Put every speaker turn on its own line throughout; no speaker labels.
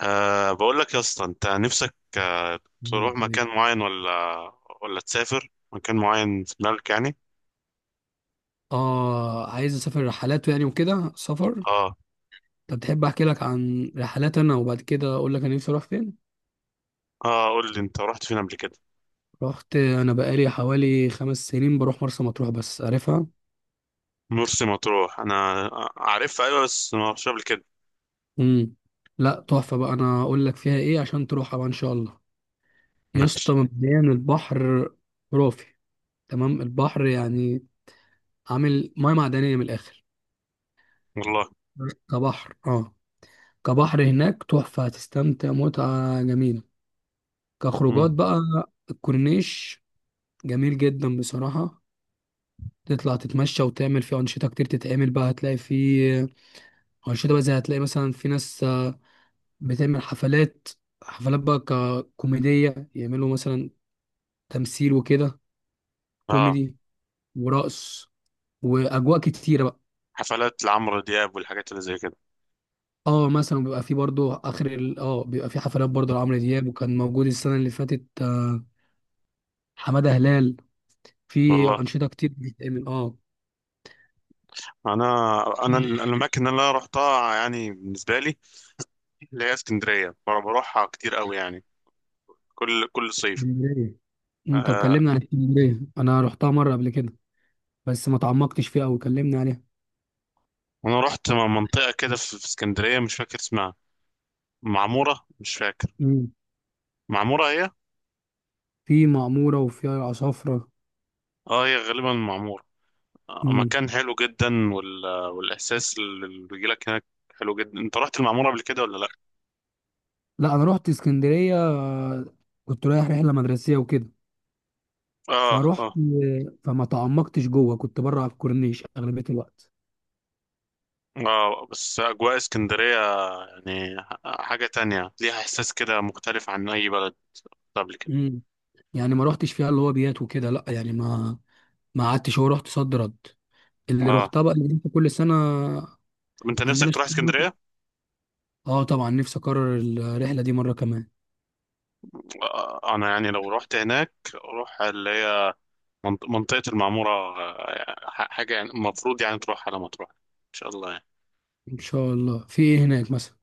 بقول لك يا اسطى، انت نفسك تروح
تمام.
مكان معين ولا تسافر مكان معين في دماغك يعني؟
اه، عايز اسافر رحلات يعني وكده سفر.
اه.
طب تحب احكي لك عن رحلات انا وبعد كده اقول لك انا نفسي اروح فين.
اه، قول لي انت رحت فين قبل كده.
رحت انا بقالي حوالي خمس سنين بروح مرسى مطروح، بس عارفها.
مرسى مطروح انا عارفها، ايوه، بس ما رحتش قبل كده.
امم لا تحفه بقى، انا اقول لك فيها ايه عشان تروحها بقى ان شاء الله. يا اسطى
ماشي.
مبدئيا البحر خرافي. تمام، البحر يعني عامل ميه معدنيه من الاخر.
والله.
كبحر، اه، كبحر هناك تحفه، هتستمتع متعه جميله. كخروجات
مم.
بقى الكورنيش جميل جدا بصراحة، تطلع تتمشى وتعمل فيه أنشطة كتير تتعمل بقى، هتلاقي فيه أنشطة بقى زي هتلاقي مثلا في ناس بتعمل حفلات، حفلات بقى ككوميدية يعملوا مثلا تمثيل وكده،
اه.
كوميدي ورقص وأجواء كتيرة بقى.
حفلات لعمرو دياب والحاجات اللي زي كده.
اه، مثلا بيبقى في برضو آخر ال... اه بيبقى في حفلات برضو لعمرو دياب، وكان موجود السنة اللي فاتت، حمادة هلال، في
والله.
أنشطة كتير بتتعمل اه.
انا
في
الاماكن اللي انا رحتها يعني بالنسبه لي، اللي هي اسكندريه، بروحها كتير قوي يعني، كل صيف.
اسكندرية، انت
آه.
مكلمنا عن اسكندرية، انا رحتها مرة قبل كده بس ما تعمقتش فيها أوي، كلمني عليها.
انا رحت منطقه كده في اسكندريه، مش فاكر اسمها. معمورة، مش فاكر.
امم،
معمورة هي.
في معمورة وفي عصافرة.
اه، هي غالبا معمورة.
امم،
مكان حلو جدا. والإحساس اللي بيجيلك هناك حلو جدا. انت رحت المعمورة قبل كده ولا لأ؟
لا أنا رحت اسكندرية، كنت رايح رحلة مدرسية وكده،
اه.
فروحت
اه.
فما تعمقتش جوه، كنت بره على الكورنيش أغلبية الوقت.
اه، بس أجواء اسكندرية يعني حاجة تانية، ليها إحساس كده مختلف عن أي بلد قبل كده.
امم، يعني ما رحتش فيها اللي هو بيات وكده، لا يعني ما قعدتش، هو رحت صد رد اللي
اه،
رحتها بقى اللي كل سنة.
طب انت نفسك
عندنا
تروح
شغل.
اسكندرية؟
اه طبعا نفسي اكرر الرحلة دي مرة كمان.
انا يعني لو رحت هناك اروح اللي هي منطقة المعمورة. حاجة يعني المفروض يعني تروح على ما تروح ان شاء الله يعني.
ان شاء الله في ايه هناك مثلا.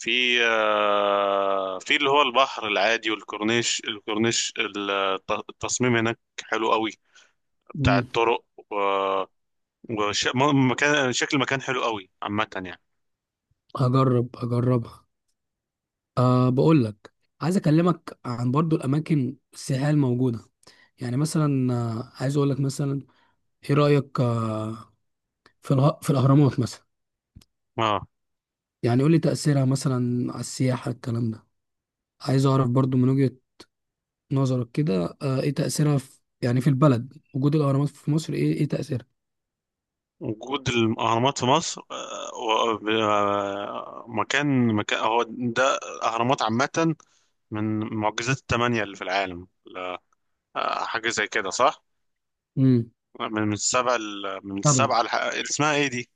في اللي هو البحر العادي والكورنيش. الكورنيش التصميم هناك حلو قوي بتاع
امم،
الطرق، و- وش م- مكان شكل المكان حلو قوي عامة يعني.
هجرب اجربها. أه بقول لك، عايز اكلمك عن برضو الاماكن السياحيه الموجوده، يعني مثلا عايز اقول لك مثلا ايه رايك في الاهرامات مثلا،
اه.
يعني قول لي تاثيرها مثلا على السياحه الكلام ده، عايز اعرف برضو من وجهه نظرك كده، ايه تاثيرها في يعني في البلد، وجود الاهرامات في مصر، ايه ايه تاثيرها.
وجود الأهرامات في مصر، مكان هو ده، الأهرامات عامة من معجزات الثمانية اللي في العالم، حاجة زي كده، صح؟
امم،
من من السبع ال- من
طبعا.
السبعة الح... اسمها ايه دي؟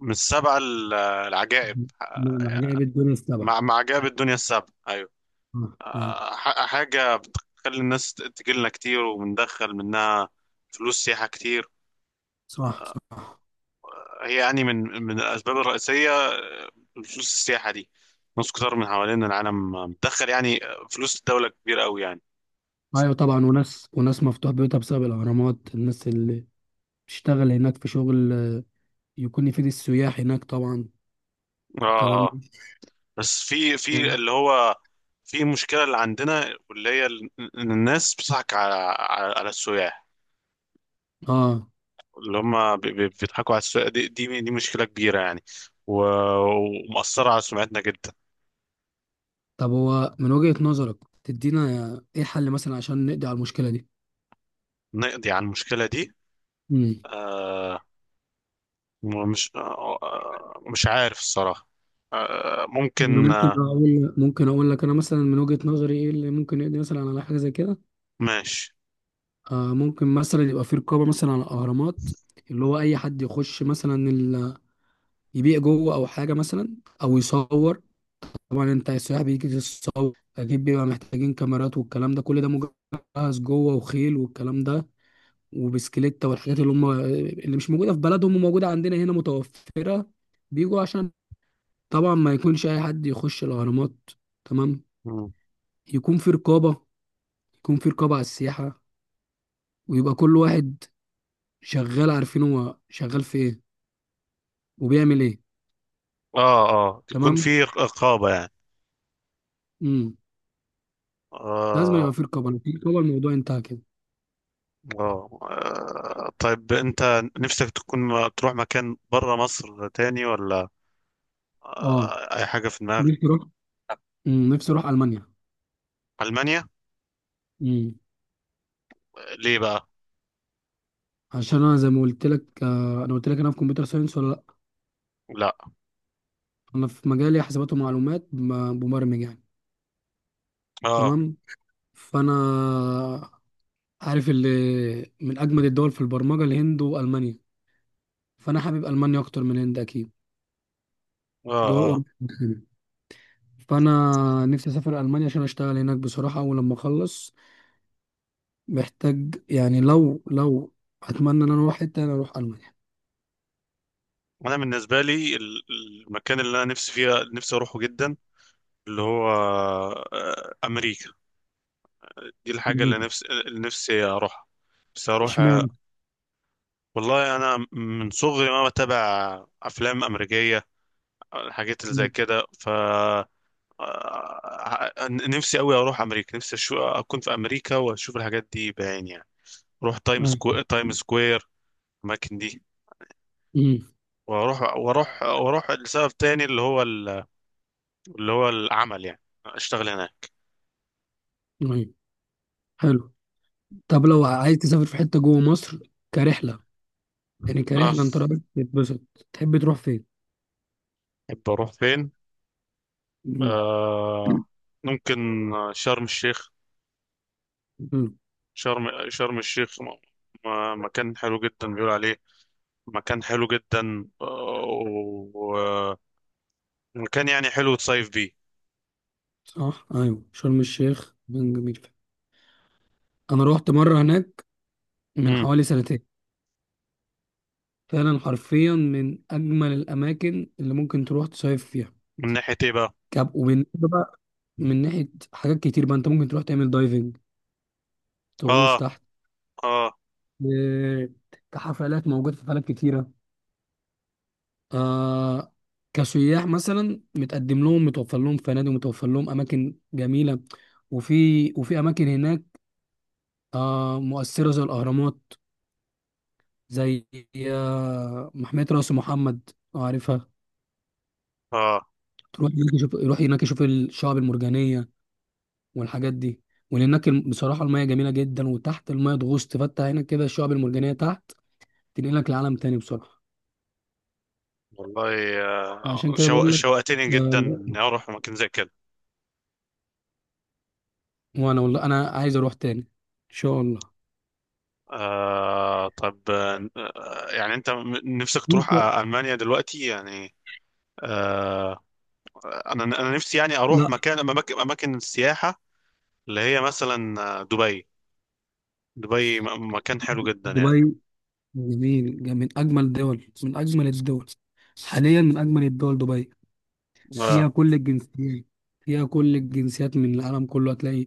من السبع العجائب.
عجائب الدنيا طبعا.
مع جاب الدنيا السابقة، أيوة.
اه، آه،
حاجة بتخلي الناس تجيلنا كتير، وبندخل منها فلوس سياحة كتير.
صح صح.
هي يعني من الأسباب الرئيسية، فلوس السياحة دي. ناس كتير من حوالين العالم بتدخل يعني فلوس الدولة كبيرة أوي يعني.
ايوه طبعا، وناس وناس مفتوح بيوتها بسبب الاهرامات، الناس اللي بتشتغل هناك في شغل يكون يفيد السياح هناك طبعا، الكلام
اه. اه.
ده.
بس في اللي هو، في مشكلة اللي عندنا، واللي هي إن الناس بتضحك على على السياح،
اه،
اللي هم بيضحكوا على السوق دي. دي مشكلة كبيرة يعني. و- ومأثرة على سمعتنا جدا.
طب هو من وجهة نظرك تدينا ايه حل مثلا عشان نقضي على المشكلة دي.
نقضي على المشكلة دي.
امم،
آه. مش عارف الصراحة.
انا
ممكن.
ممكن
آه.
اقول، ممكن اقول لك انا مثلا من وجهة نظري ايه اللي ممكن يقضي مثلا على حاجة زي كده.
ماشي.
آه ممكن مثلا يبقى في رقابة مثلا على الاهرامات، اللي هو اي حد يخش مثلا يبيع جوه او حاجة مثلا، او يصور. طبعا انت السياح بيجي يصور، اكيد بيبقى محتاجين كاميرات والكلام ده، كل ده مجهز جوه وخيل والكلام ده وبسكليتة والحاجات اللي هم، اللي مش موجودة في بلدهم وموجودة عندنا هنا متوفرة، بيجوا عشان. طبعا ما يكونش أي حد يخش الأهرامات، تمام.
مم.
يكون في رقابة، يكون في رقابة على السياحة، ويبقى كل واحد شغال عارفين هو شغال في إيه وبيعمل إيه.
اه. اه، يكون
تمام،
في رقابة يعني.
امم، لازم يبقى
آه
في رقابة، لو في رقابة الموضوع انتهى كده.
طيب أنت نفسك تكون تروح مكان برا مصر تاني ولا؟
اه،
أي حاجة في دماغك؟
نفسي أروح. نفسي أروح ألمانيا.
ألمانيا.
امم،
ليه بقى؟
عشان انا زي ما قلت لك، انا قلت لك انا في كمبيوتر ساينس ولا لا.
لا.
انا في مجالي حسابات ومعلومات، مبرمج يعني،
اه.
تمام. فانا عارف اللي من اجمد الدول في البرمجه الهند والمانيا، فانا حابب المانيا اكتر من الهند اكيد،
اه.
دول
آه.
اوروبا كده. فانا نفسي اسافر المانيا عشان اشتغل هناك بصراحه، اول لما اخلص محتاج يعني، لو اتمنى ان انا اروح حته انا اروح المانيا.
انا بالنسبه لي المكان اللي انا نفسي فيها، نفسي اروحه جدا، اللي هو امريكا. دي الحاجه اللي
ليه؟
نفسي، اروحها. بس اروح.
اشمعنى.
والله انا من صغري ما بتابع افلام امريكيه، الحاجات اللي زي
مم.
كده. نفسي قوي اروح امريكا، نفسي اكون في امريكا واشوف الحاجات دي بعيني يعني، اروح
أيوة.
تايم سكوير، الاماكن دي.
مم.
واروح واروح واروح لسبب تاني، اللي هو اللي هو العمل يعني، اشتغل هناك.
أيوة. حلو. طب لو عايز تسافر في حته جوه مصر كرحله، يعني
اه.
كرحله انت رايح تتبسط تحب تروح فين.
أحب أروح فين؟ آه ممكن شرم الشيخ.
مم.
شرم الشيخ، مكان حلو جدا بيقول عليه، مكان حلو جدا، ومكان يعني حلو تصيف بيه.
صح، ايوه شرم الشيخ مكان جميل فعلا. انا روحت مره هناك من
مم.
حوالي سنتين، فعلا حرفيا من اجمل الاماكن اللي ممكن تروح تصيف فيها.
من ناحية إيه بقى؟
كاب وبالنسبه بقى من ناحيه حاجات كتير بقى، انت ممكن تروح تعمل دايفنج، تغوص
آه.
تحت.
آه.
آه، كحفلات موجوده، في حفلات كتيره، آه، كسياح مثلا متقدم لهم، متوفر لهم فنادق، متوفر لهم اماكن جميله، وفي اماكن هناك آه مؤثره زي الاهرامات، زي محمية راس محمد لو عارفها.
آه
تروح هناك يشوف، يروح هناك يشوف الشعاب المرجانية والحاجات دي، وهناك بصراحة المياه جميلة جدا، وتحت المياه تغوص، تفتح هناك كده الشعاب المرجانية تحت تنقلك لعالم تاني بصراحة.
والله،
عشان كده بقول لك.
شوقتني جدا إني
لا.
أروح مكان زي كده.
وانا والله انا عايز اروح تاني ان شاء الله.
طب، يعني أنت نفسك تروح
انت.
ألمانيا دلوقتي يعني. آه. انا نفسي يعني اروح
لا.
مكان اماكن اماكن السياحه، اللي هي مثلا دبي. دبي مكان حلو جدا يعني.
دبي جميل جميل، من اجمل دول، من اجمل الدول حاليا، من اجمل الدول دبي،
اه.
فيها كل الجنسيات، فيها كل الجنسيات من العالم كله. هتلاقي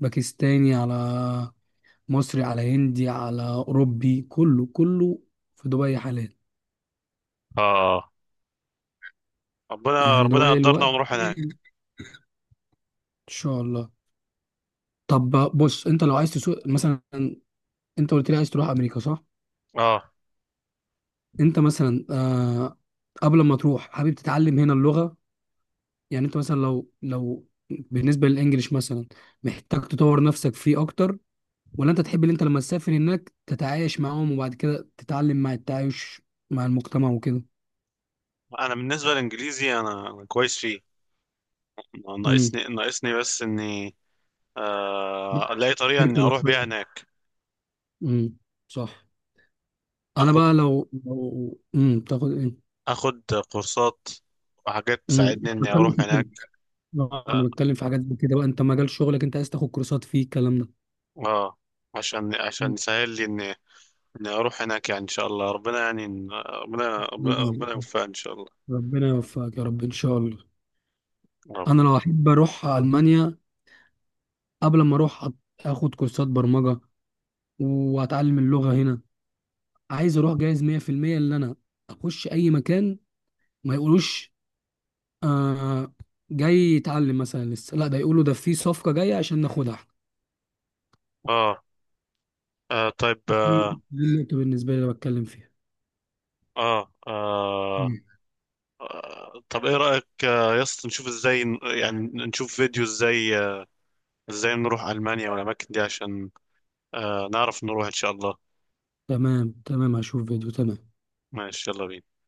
باكستاني على مصري على هندي على أوروبي، كله كله في دبي حاليا.
اه. ربنا
يعني
ربنا
دبي
يقدرنا
الوقت
ونروح هناك.
إن شاء الله. طب بص، أنت لو عايز تسوق مثلا، أنت قلت لي عايز تروح أمريكا صح؟
اه.
أنت مثلا آه قبل ما تروح حابب تتعلم هنا اللغة، يعني أنت مثلا لو بالنسبة للإنجليش مثلا محتاج تطور نفسك فيه أكتر، ولا انت تحب ان انت لما تسافر هناك تتعايش معاهم وبعد كده تتعلم مع التعايش مع المجتمع وكده.
انا بالنسبه للانجليزي، انا كويس فيه.
امم،
ناقصني بس اني الاقي طريقه
تركب
اني اروح بيها
الخيل.
هناك.
امم، صح. انا
اخد
بقى لو تاخد ايه.
اخد كورسات وحاجات
امم،
تساعدني اني
بتكلم
اروح
في كده.
هناك.
انا
اه.
بتكلم في حاجات زي كده بقى، انت مجال شغلك انت عايز تاخد كورسات فيه، الكلام ده.
آه. عشان
مم.
يسهل لي اني اروح هناك يعني ان شاء الله، ربنا يعني ربنا ربنا ربنا
الله.
يوفقنا ان شاء الله.
ربنا يوفقك يا رب ان شاء الله.
نعم.
انا لو احب اروح المانيا، قبل ما اروح اخد كورسات برمجه واتعلم اللغه هنا، عايز اروح جاهز 100% ان انا اخش اي مكان ما يقولوش آه جاي يتعلم مثلا لسه، لا ده يقولوا ده في صفقة جاية عشان ناخدها احنا.
آه. آه طيب
دي
آه.
دي النقطة بالنسبة لي اللي بتكلم فيها.
آه. آه.
مم.
طب إيه رأيك يا اسطى، نشوف إزاي يعني نشوف فيديو إزاي إزاي نروح ألمانيا والأماكن دي، عشان نعرف نروح إن شاء الله.
تمام تمام، هشوف فيديو تمام.
ماشي، يلا بينا.